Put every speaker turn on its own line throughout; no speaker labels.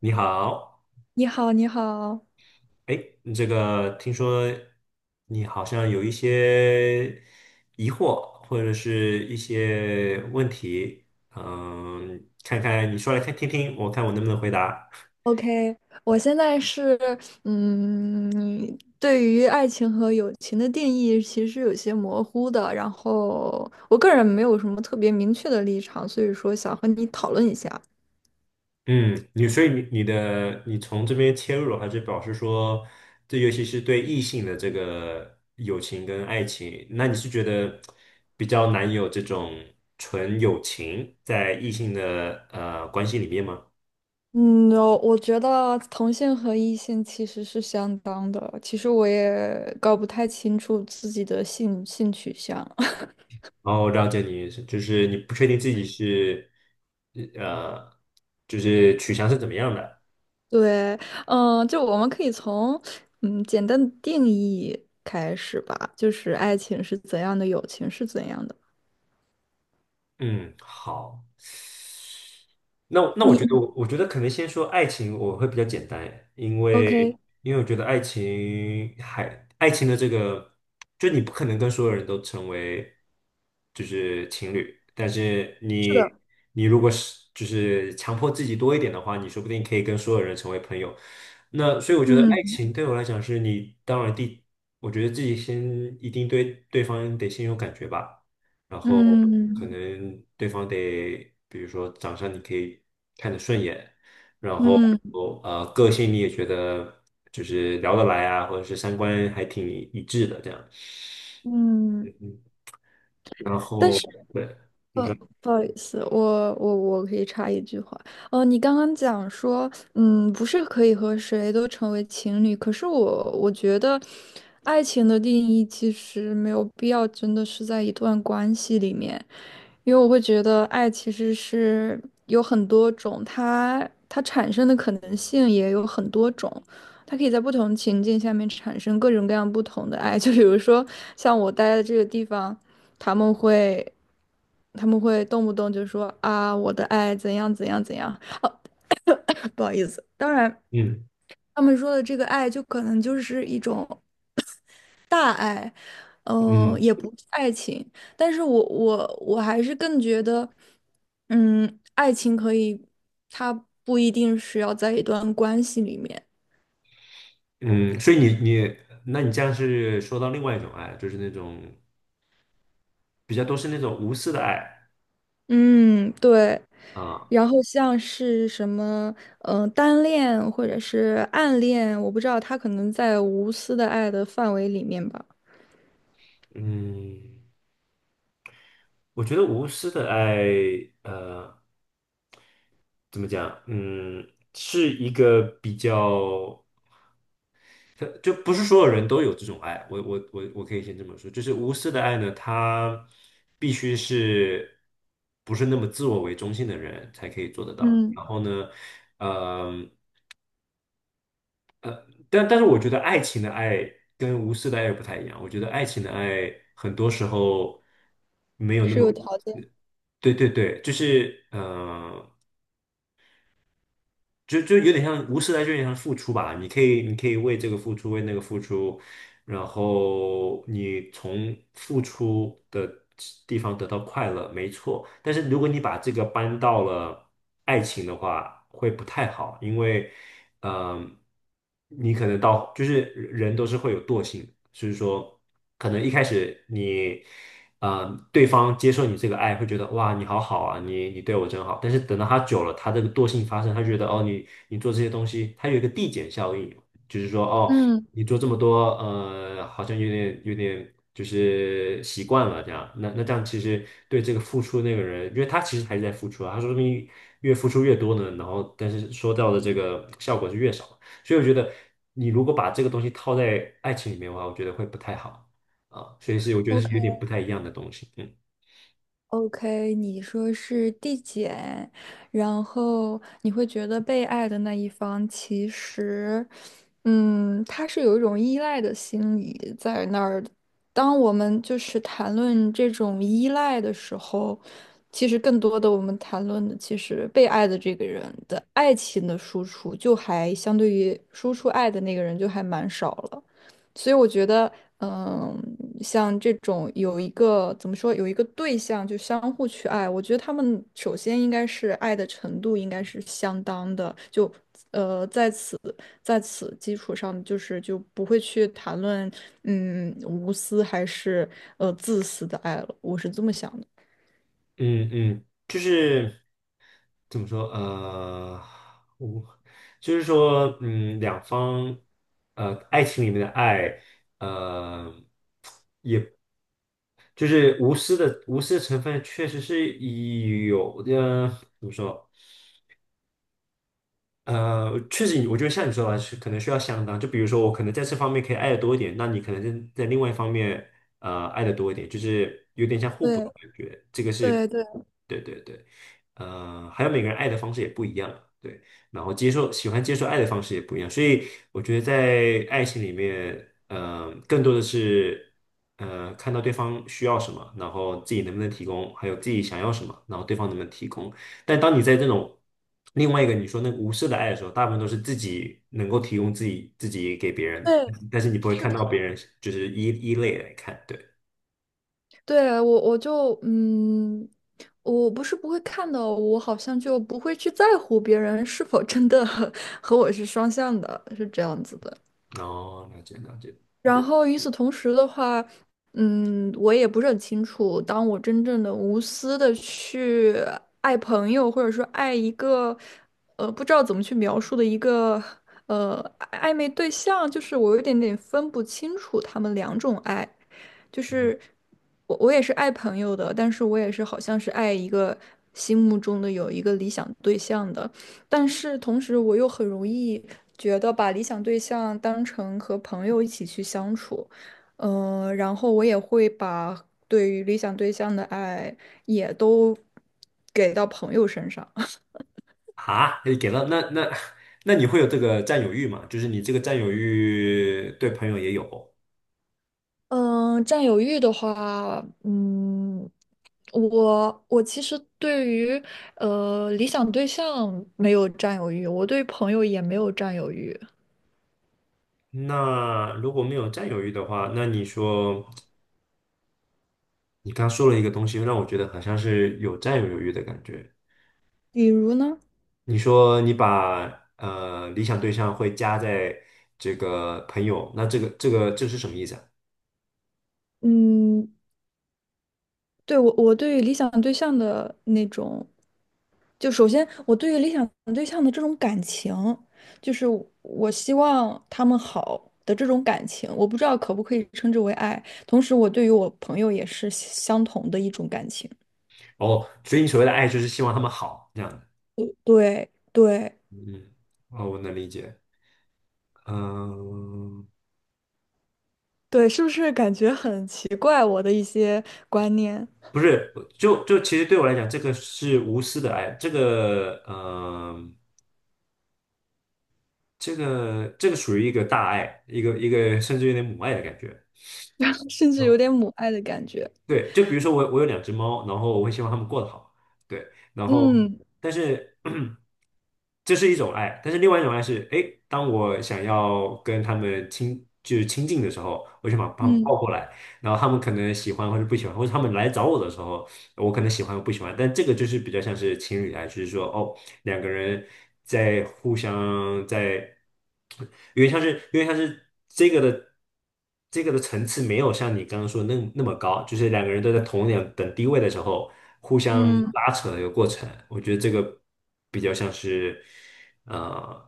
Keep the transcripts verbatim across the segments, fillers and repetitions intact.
你好，
你好，你好
哎，这个听说你好像有一些疑惑或者是一些问题，嗯，看看你说来看听听，我看我能不能回答。
，OK，我现在是，嗯，对于爱情和友情的定义其实有些模糊的，然后我个人没有什么特别明确的立场，所以说想和你讨论一下。
嗯，你所以你你的你从这边切入，还是表示说，这尤其是对异性的这个友情跟爱情，那你是觉得比较难有这种纯友情在异性的呃关系里面吗？
嗯，我我觉得同性和异性其实是相当的，其实我也搞不太清楚自己的性性取向。
哦，我了解你的意思就是你不确定自己是，呃，就是取向是怎么样的。
对，嗯，就我们可以从嗯简单的定义开始吧，就是爱情是怎样的，友情是怎样的。
嗯，好。那那我
你
觉得
你
我我觉得可能先说爱情，我会比较简单，因
OK,
为因为我觉得爱情还爱情的这个，就你不可能跟所有人都成为就是情侣，但是
是
你
的，
你如果是就是强迫自己多一点的话，你说不定可以跟所有人成为朋友。那所以我觉得爱
嗯
情对我来讲是你当然第，我觉得自己先一定对对方得先有感觉吧。然后可
嗯
能对方得，比如说长相你可以看得顺眼，然后
嗯
呃个性你也觉得就是聊得来啊，或者是三观还挺一致的这样，
嗯，嗯
嗯，然
但
后
是。
对，你
呃，
说，
不好意思，我我我可以插一句话。哦，你刚刚讲说，嗯，不是可以和谁都成为情侣，可是我我觉得，爱情的定义其实没有必要真的是在一段关系里面，因为我会觉得爱其实是有很多种，它它产生的可能性也有很多种。它可以在不同情境下面产生各种各样不同的爱，就比如说像我待的这个地方。他们会，他们会动不动就说啊，我的爱怎样怎样怎样，不好意思。当然，
嗯
他们说的这个爱，就可能就是一种大爱，嗯、
嗯
也不是爱情。但是我我我还是更觉得，嗯，爱情可以，它不一定是要在一段关系里面。
嗯，所以你你，那你这样是说到另外一种爱，就是那种比较都是那种无私的爱
嗯，对。
啊，
然后像是什么，嗯、单恋或者是暗恋，我不知道，他可能在无私的爱的范围里面吧，
嗯，我觉得无私的爱，呃。怎么讲？嗯，是一个比较，就不是所有人都有这种爱。我我我我可以先这么说，就是无私的爱呢，它必须是不是那么自我为中心的人才可以做得到。然
嗯
后呢，嗯，但但是我觉得爱情的爱跟无私的爱不太一样。我觉得爱情的爱很多时候没有那
是有
么，
条件。
对对对，就是嗯。呃就就有点像无私，来，就有点像付出吧。你可以，你可以为这个付出，为那个付出，然后你从付出的地方得到快乐，没错。但是如果你把这个搬到了爱情的话，会不太好，因为，嗯、你可能到就是人都是会有惰性，所以说，可能一开始你，呃，对方接受你这个爱，会觉得哇，你好好啊，你你对我真好。但是等到他久了，他这个惰性发生，他觉得哦，你你做这些东西，它有一个递减效应，就是说哦，
嗯。
你做这么多，呃，好像有点有点就是习惯了这样。那那这样其实对这个付出那个人，因为他其实还是在付出啊，他说不定越付出越多呢，然后但是收到的这个效果是越少。所以我觉得你如果把这个东西套在爱情里面的话，我觉得会不太好啊。所以是我觉得是有
OK。
点不太一样的东西。嗯
OK,你说是递减，然后你会觉得被爱的那一方其实，嗯，他是有一种依赖的心理在那儿的。当我们就是谈论这种依赖的时候，其实更多的我们谈论的其实被爱的这个人的爱情的输出，就还相对于输出爱的那个人就还蛮少了。所以我觉得，嗯，像这种有一个怎么说，有一个对象就相互去爱，我觉得他们首先应该是爱的程度应该是相当的，就呃在此在此基础上，就是就不会去谈论嗯无私还是呃自私的爱了，我是这么想的。
嗯嗯，就是。怎么说？呃，我就是说，嗯，两方，呃，爱情里面的爱，呃，也就是无私的无私的成分，确实是有的。怎么说？呃，确实，我觉得像你说的，是可能需要相当。就比如说，我可能在这方面可以爱的多一点，那你可能在在另外一方面，呃，爱的多一点，就是有点像互补的
对
感觉。这个是
对对
对对对，呃，还有每个人爱的方式也不一样，对，然后接受喜欢接受爱的方式也不一样，所以我觉得在爱情里面，呃，更多的是呃看到对方需要什么，然后自己能不能提供，还有自己想要什么，然后对方能不能提供。但当你在这种另外一个你说那个无私的爱的时候，大部分都是自己能够提供自己自己给别人的，
对，
但是你不会
是
看
的。
到别人就是一一类来看，对，
对，我我就嗯，我不是不会看的，我好像就不会去在乎别人是否真的 和我是双向的，是这样子的。
然后了解了解。
然后与此同时的话，嗯，我也不是很清楚，当我真正的无私的去爱朋友，或者说爱一个，呃，不知道怎么去描述的一个，呃，暧昧对象，就是我有点点分不清楚他们两种爱，就
嗯
是我我也是爱朋友的，但是我也是好像是爱一个心目中的有一个理想对象的。但是同时，我又很容易觉得把理想对象当成和朋友一起去相处，呃，然后我也会把对于理想对象的爱也都给到朋友身上。
啊，你给了那那那你会有这个占有欲吗？就是你这个占有欲对朋友也有。
嗯，占有欲的话，嗯，我我其实对于呃理想对象没有占有欲，我对朋友也没有占有欲。
那如果没有占有欲的话，那你说你刚说了一个东西，让我觉得好像是有占有欲的感觉。
比如呢？
你说你把呃理想对象会加在这个朋友，那这个这个这是什么意思啊？
嗯。对，我，我对于理想对象的那种，就首先我对于理想对象的这种感情，就是我我希望他们好的这种感情，我不知道可不可以称之为爱。同时，我对于我朋友也是相同的一种感情。
哦，所以你所谓的爱就是希望他们好这样的。
对对
嗯，哦，我能理解。嗯，
对，是不是感觉很奇怪？我的一些观念。
不 是，就就其实对我来讲，这个是无私的爱，这个呃，这个这个属于一个大爱，一个一个甚至有点母爱的感觉。
然后甚至有
哦
点母爱的感觉。
对，就比如说我我有两只猫，然后我会希望它们过得好，对，然后
嗯
但是 这是一种爱，但是另外一种爱是，哎，当我想要跟它们亲就是亲近的时候，我就把它们抱
嗯
过来，然后它们可能喜欢或者不喜欢，或者它们来找我的时候。我可能喜欢我不喜欢，但这个就是比较像是情侣啊，就是说哦，两个人在互相在，因为像是因为像是这个的这个的层次没有像你刚刚说那那么高，就是两个人都在同等等地位的时候互相嗯
嗯，
拉扯的一个过程，我觉得这个比较像是呃。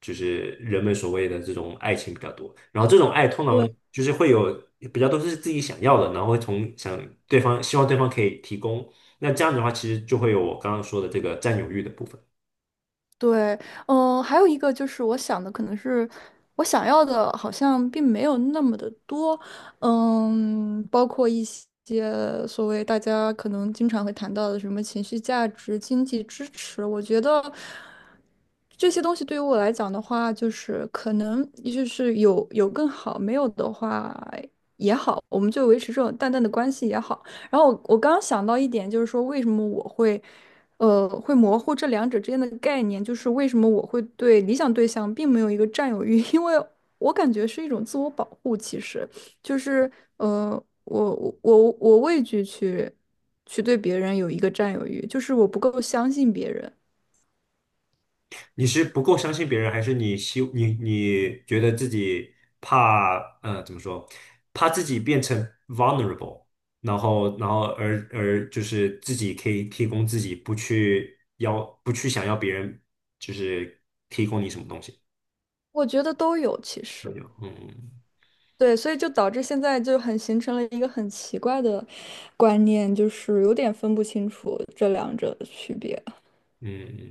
就是人们所谓的这种爱情比较多。然后这种爱通常
对。
就是会有比较多是自己想要的，然后会从想对方希望对方可以提供。那这样子的话，其实就会有我刚刚说的这个占有欲的部分。
对，嗯、还有一个就是我想的可能是我想要的，好像并没有那么的多，嗯，包括一些所谓大家可能经常会谈到的什么情绪价值、经济支持，我觉得这些东西对于我来讲的话，就是可能也就是有有更好，没有的话也好，我们就维持这种淡淡的关系也好。然后我我刚刚想到一点，就是说为什么我会。呃，会模糊这两者之间的概念，就是为什么我会对理想对象并没有一个占有欲，因为我感觉是一种自我保护。其实，就是呃，我我我我畏惧去去对别人有一个占有欲，就是我不够相信别人。
你是不够相信别人，还是你希你你觉得自己怕呃怎么说，怕自己变成 vulnerable，然后然后而而就是自己可以提供自己，不去要不去想要别人就是提供你什么东西。
我觉得都有，其
都
实
有，嗯
对，所以就导致现在就很形成了一个很奇怪的观念，就是有点分不清楚这两者的区别。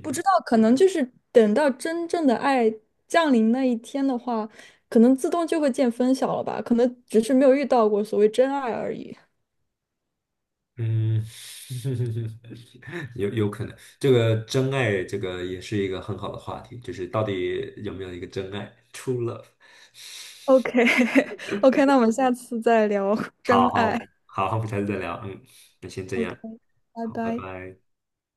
不知道，可能就是等到真正的爱降临那一天的话，可能自动就会见分晓了吧？可能只是没有遇到过所谓真爱而已。
嗯，有有可能，这个真爱，这个也是一个很好的话题，就是到底有没有一个真爱 （true love）。
OK，OK，那我们下次再聊真
好
爱。
好好，我们下次再聊，嗯，那先这
OK,
样，
拜
好，拜
拜。
拜。